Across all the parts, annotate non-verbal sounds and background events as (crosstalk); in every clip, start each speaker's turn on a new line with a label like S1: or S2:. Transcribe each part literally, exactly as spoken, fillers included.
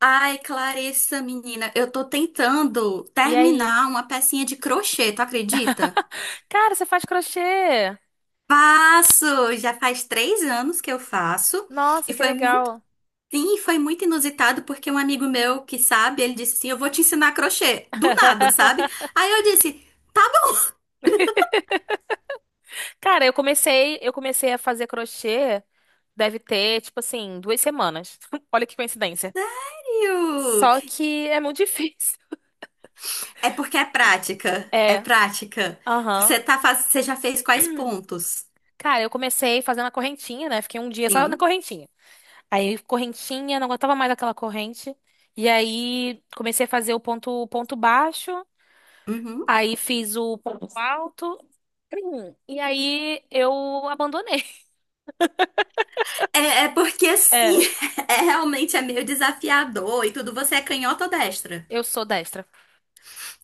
S1: Ai, Clarissa, menina, eu tô tentando
S2: E aí?
S1: terminar uma pecinha de crochê, tu acredita?
S2: Cara, você faz crochê?
S1: Faço! Já faz três anos que eu faço e
S2: Nossa, que
S1: foi muito.
S2: legal.
S1: Sim, foi muito inusitado porque um amigo meu que sabe, ele disse assim: Eu vou te ensinar crochê. Do nada, sabe?
S2: (laughs)
S1: Aí eu disse:
S2: Cara, eu comecei, eu comecei a fazer crochê, deve ter, tipo assim, duas semanas. (laughs) Olha que coincidência.
S1: "Iu,
S2: Só que é muito (laughs) difícil.
S1: é porque é prática. É
S2: É,
S1: prática.
S2: aham.
S1: Você tá faz... Você já fez quais pontos?
S2: Cara, eu comecei fazendo a correntinha, né? Fiquei um dia só na
S1: Sim.
S2: correntinha. Aí, correntinha, não aguentava mais aquela corrente. E aí, comecei a fazer o ponto, ponto baixo.
S1: Uhum.
S2: Aí, fiz o ponto alto. (clears throat) E aí, eu abandonei.
S1: É, é porque assim,
S2: É,
S1: (laughs) é realmente é meio desafiador e tudo. Você é canhota ou destra?
S2: eu sou destra.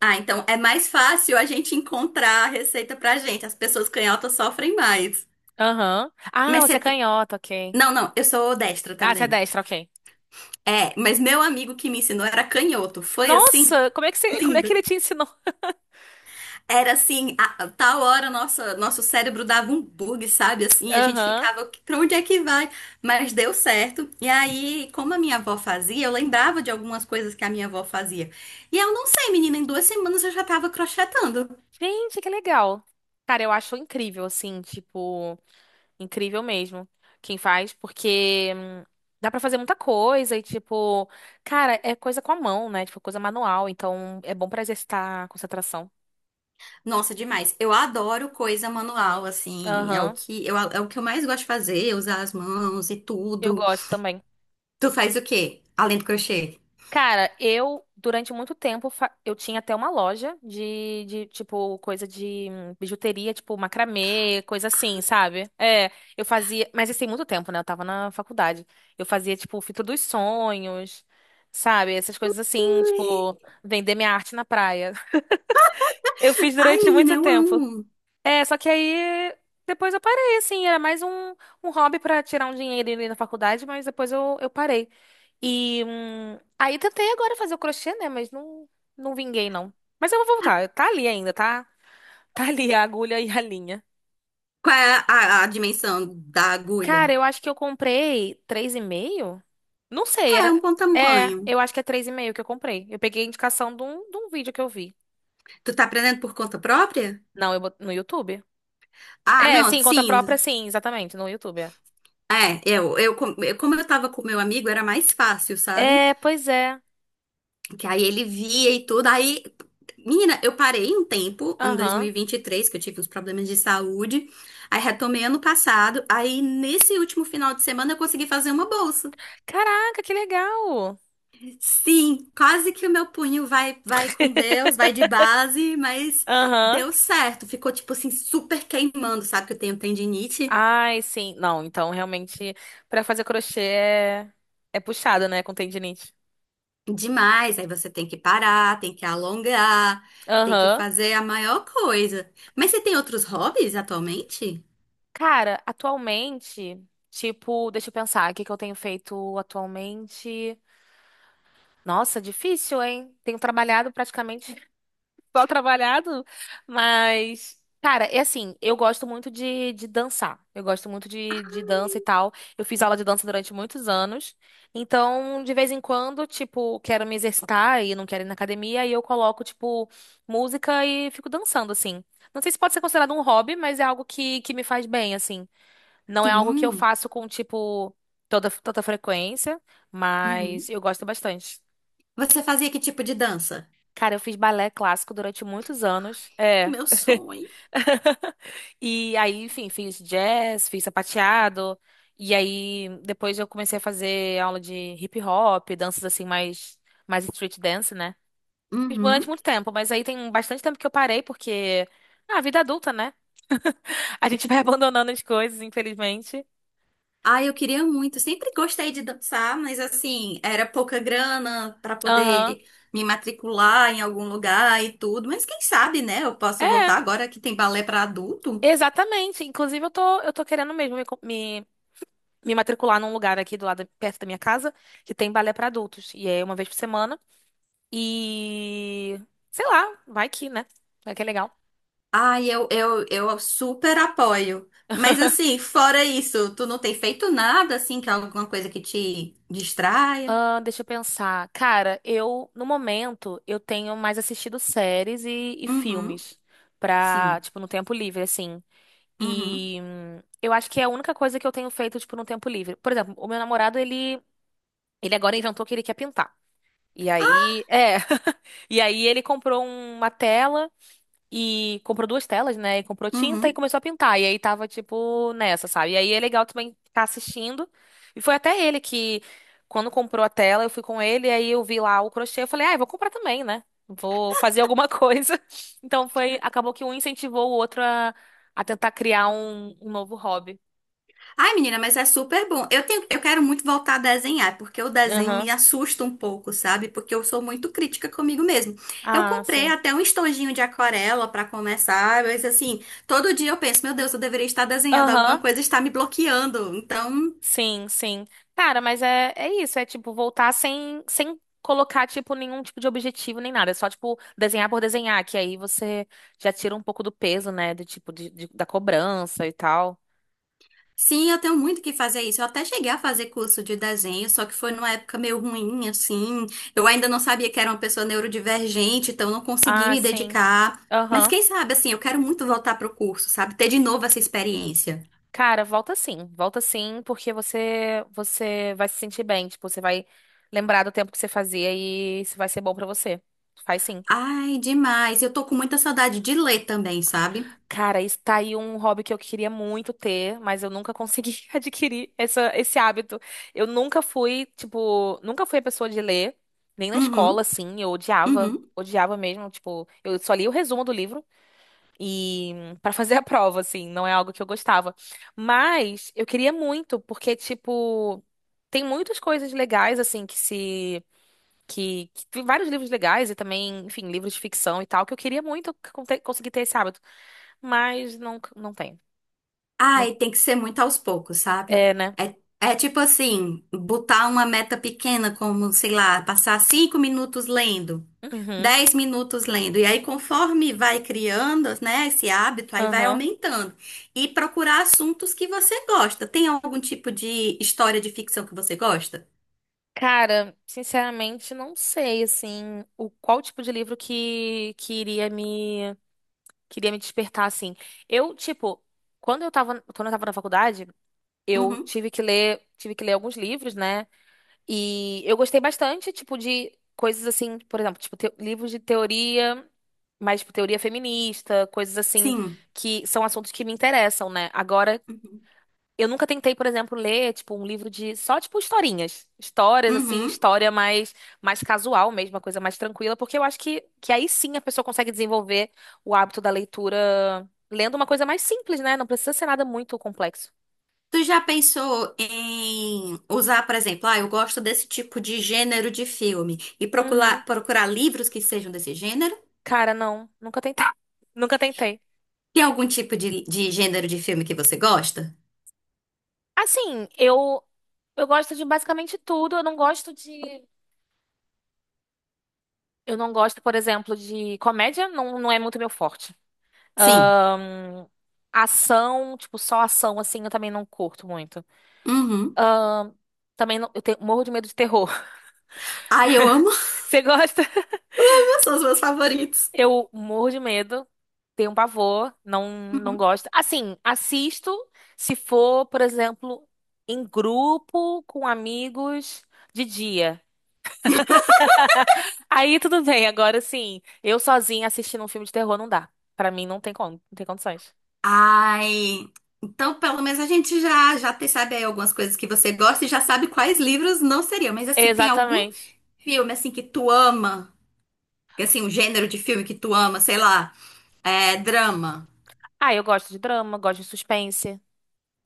S1: Ah, então é mais fácil a gente encontrar a receita pra gente. As pessoas canhotas sofrem mais.
S2: Aham. Ah,
S1: Mas
S2: você
S1: você.
S2: é
S1: t-
S2: canhota, ok.
S1: Não, não, eu sou destra
S2: Ah, você é
S1: também.
S2: destra, ok.
S1: É, mas meu amigo que me ensinou era canhoto. Foi assim?
S2: Nossa, como é que você, como é que
S1: Lindo.
S2: ele te ensinou?
S1: Era assim, a, a tal hora nossa, nosso cérebro dava um bug, sabe? Assim, a gente
S2: Aham.
S1: ficava, pra onde é que vai? Mas deu certo. E aí, como a minha avó fazia, eu lembrava de algumas coisas que a minha avó fazia. E eu não sei, menina, em duas semanas eu já tava crochetando.
S2: Gente, que legal. Cara, eu acho incrível, assim, tipo, incrível mesmo quem faz, porque hum, dá pra fazer muita coisa e, tipo, cara, é coisa com a mão, né? Tipo, coisa manual, então é bom pra exercitar a concentração.
S1: Nossa, demais. Eu adoro coisa manual, assim, é o
S2: Aham.
S1: que eu, é o que eu mais gosto de fazer, usar as mãos e
S2: Eu
S1: tudo.
S2: gosto também.
S1: Tu faz o quê? Além do crochê?
S2: Cara, eu, durante muito tempo, fa- eu tinha até uma loja de, de, tipo, coisa de hum, bijuteria, tipo, macramê, coisa assim, sabe? É, eu fazia, mas isso tem muito tempo, né? Eu tava na faculdade. Eu fazia, tipo, fita dos sonhos, sabe? Essas coisas assim,
S1: Ai,
S2: tipo, vender minha arte na praia. (laughs) Eu fiz
S1: Ai,
S2: durante
S1: menina,
S2: muito
S1: eu
S2: tempo.
S1: amo.
S2: É, só que aí depois eu parei, assim, era mais um, um hobby pra tirar um dinheirinho ali na faculdade, mas depois eu, eu parei. E hum, aí tentei agora fazer o crochê, né? Mas não, não vinguei, não. Mas eu vou voltar, tá ali ainda, tá? Tá ali a agulha e a linha.
S1: Qual é a a- a dimensão da
S2: Cara,
S1: agulha?
S2: eu acho que eu comprei três e meio. Não sei,
S1: É um
S2: era.
S1: bom
S2: É,
S1: tamanho.
S2: eu acho que é três e meio que eu comprei. Eu peguei a indicação de um, de um vídeo que eu vi.
S1: Tu tá aprendendo por conta própria?
S2: Não, eu, bot- no YouTube.
S1: Ah,
S2: É,
S1: não,
S2: sim, conta própria,
S1: sim.
S2: sim, exatamente, no YouTube. É.
S1: É, eu, eu, com- eu- como eu tava com meu amigo, era mais fácil, sabe?
S2: É, pois é.
S1: Que aí ele via e tudo. Aí, menina, eu parei um tempo, em dois mil e
S2: Aham.
S1: e vinte e três, que eu tive uns problemas de saúde. Aí retomei ano passado. Aí, nesse último final de semana, eu consegui fazer uma bolsa.
S2: Caraca, que legal!
S1: Sim, quase que o meu punho vai, vai com Deus, vai de base, mas
S2: Aham.
S1: deu certo. Ficou, tipo assim, super queimando, sabe? Que eu tenho tendinite.
S2: Ai, sim. Não, então realmente pra fazer crochê é, é puxado, né, com tendinite.
S1: Demais, aí você tem que parar, tem que alongar, tem que
S2: Aham.
S1: fazer a maior coisa. Mas você tem outros hobbies atualmente?
S2: Cara, atualmente, tipo, deixa eu pensar, o que que eu tenho feito atualmente? Nossa, difícil, hein? Tenho trabalhado praticamente mal trabalhado, mas. Cara, é assim, eu gosto muito de, de dançar. Eu gosto muito de, de dança e tal. Eu fiz aula de dança durante muitos anos. Então, de vez em quando, tipo, quero me exercitar e não quero ir na academia, e eu coloco, tipo, música e fico dançando, assim. Não sei se pode ser considerado um hobby, mas é algo que, que me faz bem, assim. Não é algo que eu
S1: Sim.
S2: faço com, tipo, toda, tanta frequência, mas
S1: Uhum.
S2: eu gosto bastante.
S1: Você fazia que tipo de dança?
S2: Cara, eu fiz balé clássico durante muitos anos. É. (laughs)
S1: Meu sonho.
S2: (laughs) E aí, enfim, fiz jazz, fiz sapateado. E aí, depois eu comecei a fazer aula de hip hop, danças assim, mais, mais street dance, né? Fiz durante
S1: Uhum.
S2: muito tempo, mas aí tem bastante tempo que eu parei, porque. Ah, vida adulta, né? (laughs) A gente vai (laughs) abandonando as coisas, infelizmente.
S1: Ah, eu queria muito. Sempre gostei de dançar, mas assim, era pouca grana para
S2: Aham.
S1: poder me matricular em algum lugar e tudo. Mas quem sabe, né? Eu posso
S2: É,
S1: voltar agora que tem balé para adulto.
S2: exatamente. Inclusive, eu tô, eu tô querendo mesmo me, co- me, me matricular num lugar aqui do lado, perto da minha casa, que tem balé pra adultos. E é uma vez por semana. E sei lá, vai que, né? Vai que é legal.
S1: Ai, eu, eu, eu super apoio. Mas assim, fora isso, tu não tem feito nada assim, que é alguma coisa que te distraia?
S2: Ah, deixa eu pensar. Cara, eu, no momento, eu tenho mais assistido séries e, e
S1: Uhum,
S2: filmes pra,
S1: sim.
S2: tipo, no tempo livre, assim.
S1: Uhum,
S2: E hum, eu acho que é a única coisa que eu tenho feito, tipo, no tempo livre. Por exemplo, o meu namorado, ele, ele agora inventou que ele quer pintar. E aí, é. (laughs) E aí ele comprou uma tela. E comprou duas telas, né? E comprou tinta e
S1: uhum.
S2: começou a pintar. E aí tava, tipo, nessa, sabe? E aí é legal também ficar assistindo. E foi até ele que, quando comprou a tela, eu fui com ele, e aí eu vi lá o crochê, eu falei, ah, eu vou comprar também, né? Vou fazer alguma (laughs) coisa. Então foi, acabou que um incentivou o outro a, a tentar criar um, um novo hobby.
S1: Ai, menina, mas é super bom. Eu tenho, eu quero muito voltar a desenhar, porque o desenho me
S2: Aham.
S1: assusta um pouco, sabe? Porque eu sou muito crítica comigo mesmo. Eu
S2: Ah,
S1: comprei
S2: sim.
S1: até um estojinho de aquarela pra começar, mas assim, todo dia eu penso, meu Deus, eu deveria estar desenhando alguma
S2: Aham.
S1: coisa, está me bloqueando. Então,
S2: Sim, sim. Cara, mas é, é isso, é tipo voltar sem, sem colocar tipo nenhum tipo de objetivo nem nada, é só tipo desenhar por desenhar, que aí você já tira um pouco do peso, né, do tipo de, de- da cobrança e tal.
S1: sim, eu tenho muito que fazer isso. Eu até cheguei a fazer curso de desenho, só que foi numa época meio ruim, assim. Eu ainda não sabia que era uma pessoa neurodivergente, então não consegui
S2: Ah,
S1: me
S2: sim.
S1: dedicar. Mas
S2: Aham.
S1: quem sabe, assim, eu quero muito voltar pro curso, sabe? Ter de novo essa experiência.
S2: Cara, volta sim, volta sim, porque você você vai se sentir bem, tipo, você vai lembrar do tempo que você fazia e isso vai ser bom pra você. Faz sim.
S1: Ai, demais. Eu tô com muita saudade de ler também, sabe?
S2: Cara, isso tá aí um hobby que eu queria muito ter, mas eu nunca consegui (laughs) adquirir essa, esse hábito. Eu nunca fui, tipo, nunca fui a pessoa de ler, nem na escola,
S1: Uhum,
S2: assim. Eu odiava,
S1: uhum.
S2: odiava mesmo. Tipo, eu só li o resumo do livro e (laughs) pra fazer a prova, assim, não é algo que eu gostava. Mas eu queria muito, porque, tipo, tem muitas coisas legais, assim, que se. Que, que- vários livros legais e também, enfim, livros de ficção e tal, que eu queria muito conte- conseguir ter esse hábito. Mas não, não tem. Não.
S1: Ai, tem que ser muito aos poucos, sabe?
S2: É, né?
S1: É, é tipo assim, botar uma meta pequena, como, sei lá, passar cinco minutos lendo.
S2: Uhum,
S1: Dez minutos lendo. E aí, conforme vai criando, né, esse hábito, aí vai
S2: aham.
S1: aumentando. E procurar assuntos que você gosta. Tem algum tipo de história de ficção que você gosta?
S2: Cara, sinceramente, não sei, assim, o qual tipo de livro que, que iria me, que iria me despertar, assim. Eu, tipo, quando eu tava, quando eu tava na faculdade, eu
S1: Uhum.
S2: tive que ler, tive que ler alguns livros, né? E eu gostei bastante, tipo, de coisas assim, por exemplo, tipo, teo- livros de teoria, mais, tipo, teoria feminista, coisas assim,
S1: Sim.
S2: que são assuntos que me interessam, né? Agora,
S1: Uhum.
S2: eu nunca tentei, por exemplo, ler, tipo, um livro de só, tipo, historinhas. Histórias, assim,
S1: Uhum.
S2: história mais, mais casual mesmo, uma coisa mais tranquila, porque eu acho que, que aí sim a pessoa consegue desenvolver o hábito da leitura lendo uma coisa mais simples, né? Não precisa ser nada muito complexo.
S1: Tu já pensou em usar, por exemplo, ah, eu gosto desse tipo de gênero de filme, e
S2: Uhum.
S1: procurar, procurar livros que sejam desse gênero?
S2: Cara, não, nunca tentei. (laughs) Nunca tentei.
S1: Tem algum tipo de, de gênero de filme que você gosta?
S2: Assim, eu eu gosto de basicamente tudo. Eu não gosto de eu não gosto, por exemplo, de comédia, não, não é muito meu forte.
S1: Sim.
S2: Ahn, ação, tipo, só ação, assim, eu também não curto muito.
S1: Uhum.
S2: Também não- eu tenho- morro de medo de terror. (laughs)
S1: Ai, eu amo,
S2: Você gosta?
S1: (laughs) são os meus favoritos.
S2: Eu morro de medo, tenho pavor, não, não
S1: Uhum.
S2: gosto. Assim, assisto se for, por exemplo, em grupo com amigos de dia. (laughs) Aí tudo bem, agora sim, eu sozinha assistindo um filme de terror não dá. Pra mim não tem como, não tem condições.
S1: Ai, então pelo menos a gente já já te- sabe aí algumas coisas que você gosta e já sabe quais livros não seriam. Mas assim, tem algum
S2: Exatamente.
S1: filme assim que tu ama? Que, assim, um gênero de filme que tu ama, sei lá, é drama.
S2: Ah, eu gosto de drama, gosto de suspense.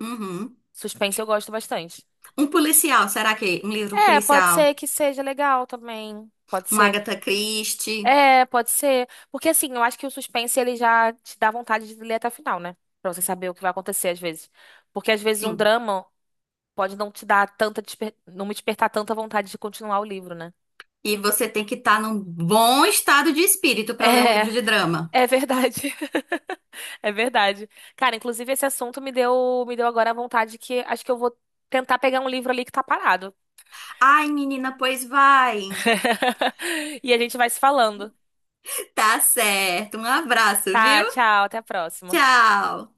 S1: Uhum.
S2: Suspense eu gosto bastante.
S1: Um policial, será que um livro
S2: É, pode
S1: policial?
S2: ser que seja legal também. Pode
S1: Um
S2: ser.
S1: Agatha Christie?
S2: É, pode ser. Porque assim, eu acho que o suspense ele já te dá vontade de ler até o final, né? Pra você saber o que vai acontecer às vezes. Porque às vezes um
S1: Sim.
S2: drama pode não te dar tanta desper... não me despertar tanta vontade de continuar o livro, né? (laughs)
S1: E você tem que estar num bom estado de espírito para ler um
S2: É,
S1: livro de drama.
S2: é verdade. (laughs) É verdade. Cara, inclusive esse assunto me deu me deu agora a vontade que acho que eu vou tentar pegar um livro ali que tá parado.
S1: Ai, menina, pois vai.
S2: (laughs) E a gente vai se falando.
S1: Tá certo. Um abraço, viu?
S2: Tá, tchau, até a próxima.
S1: Tchau.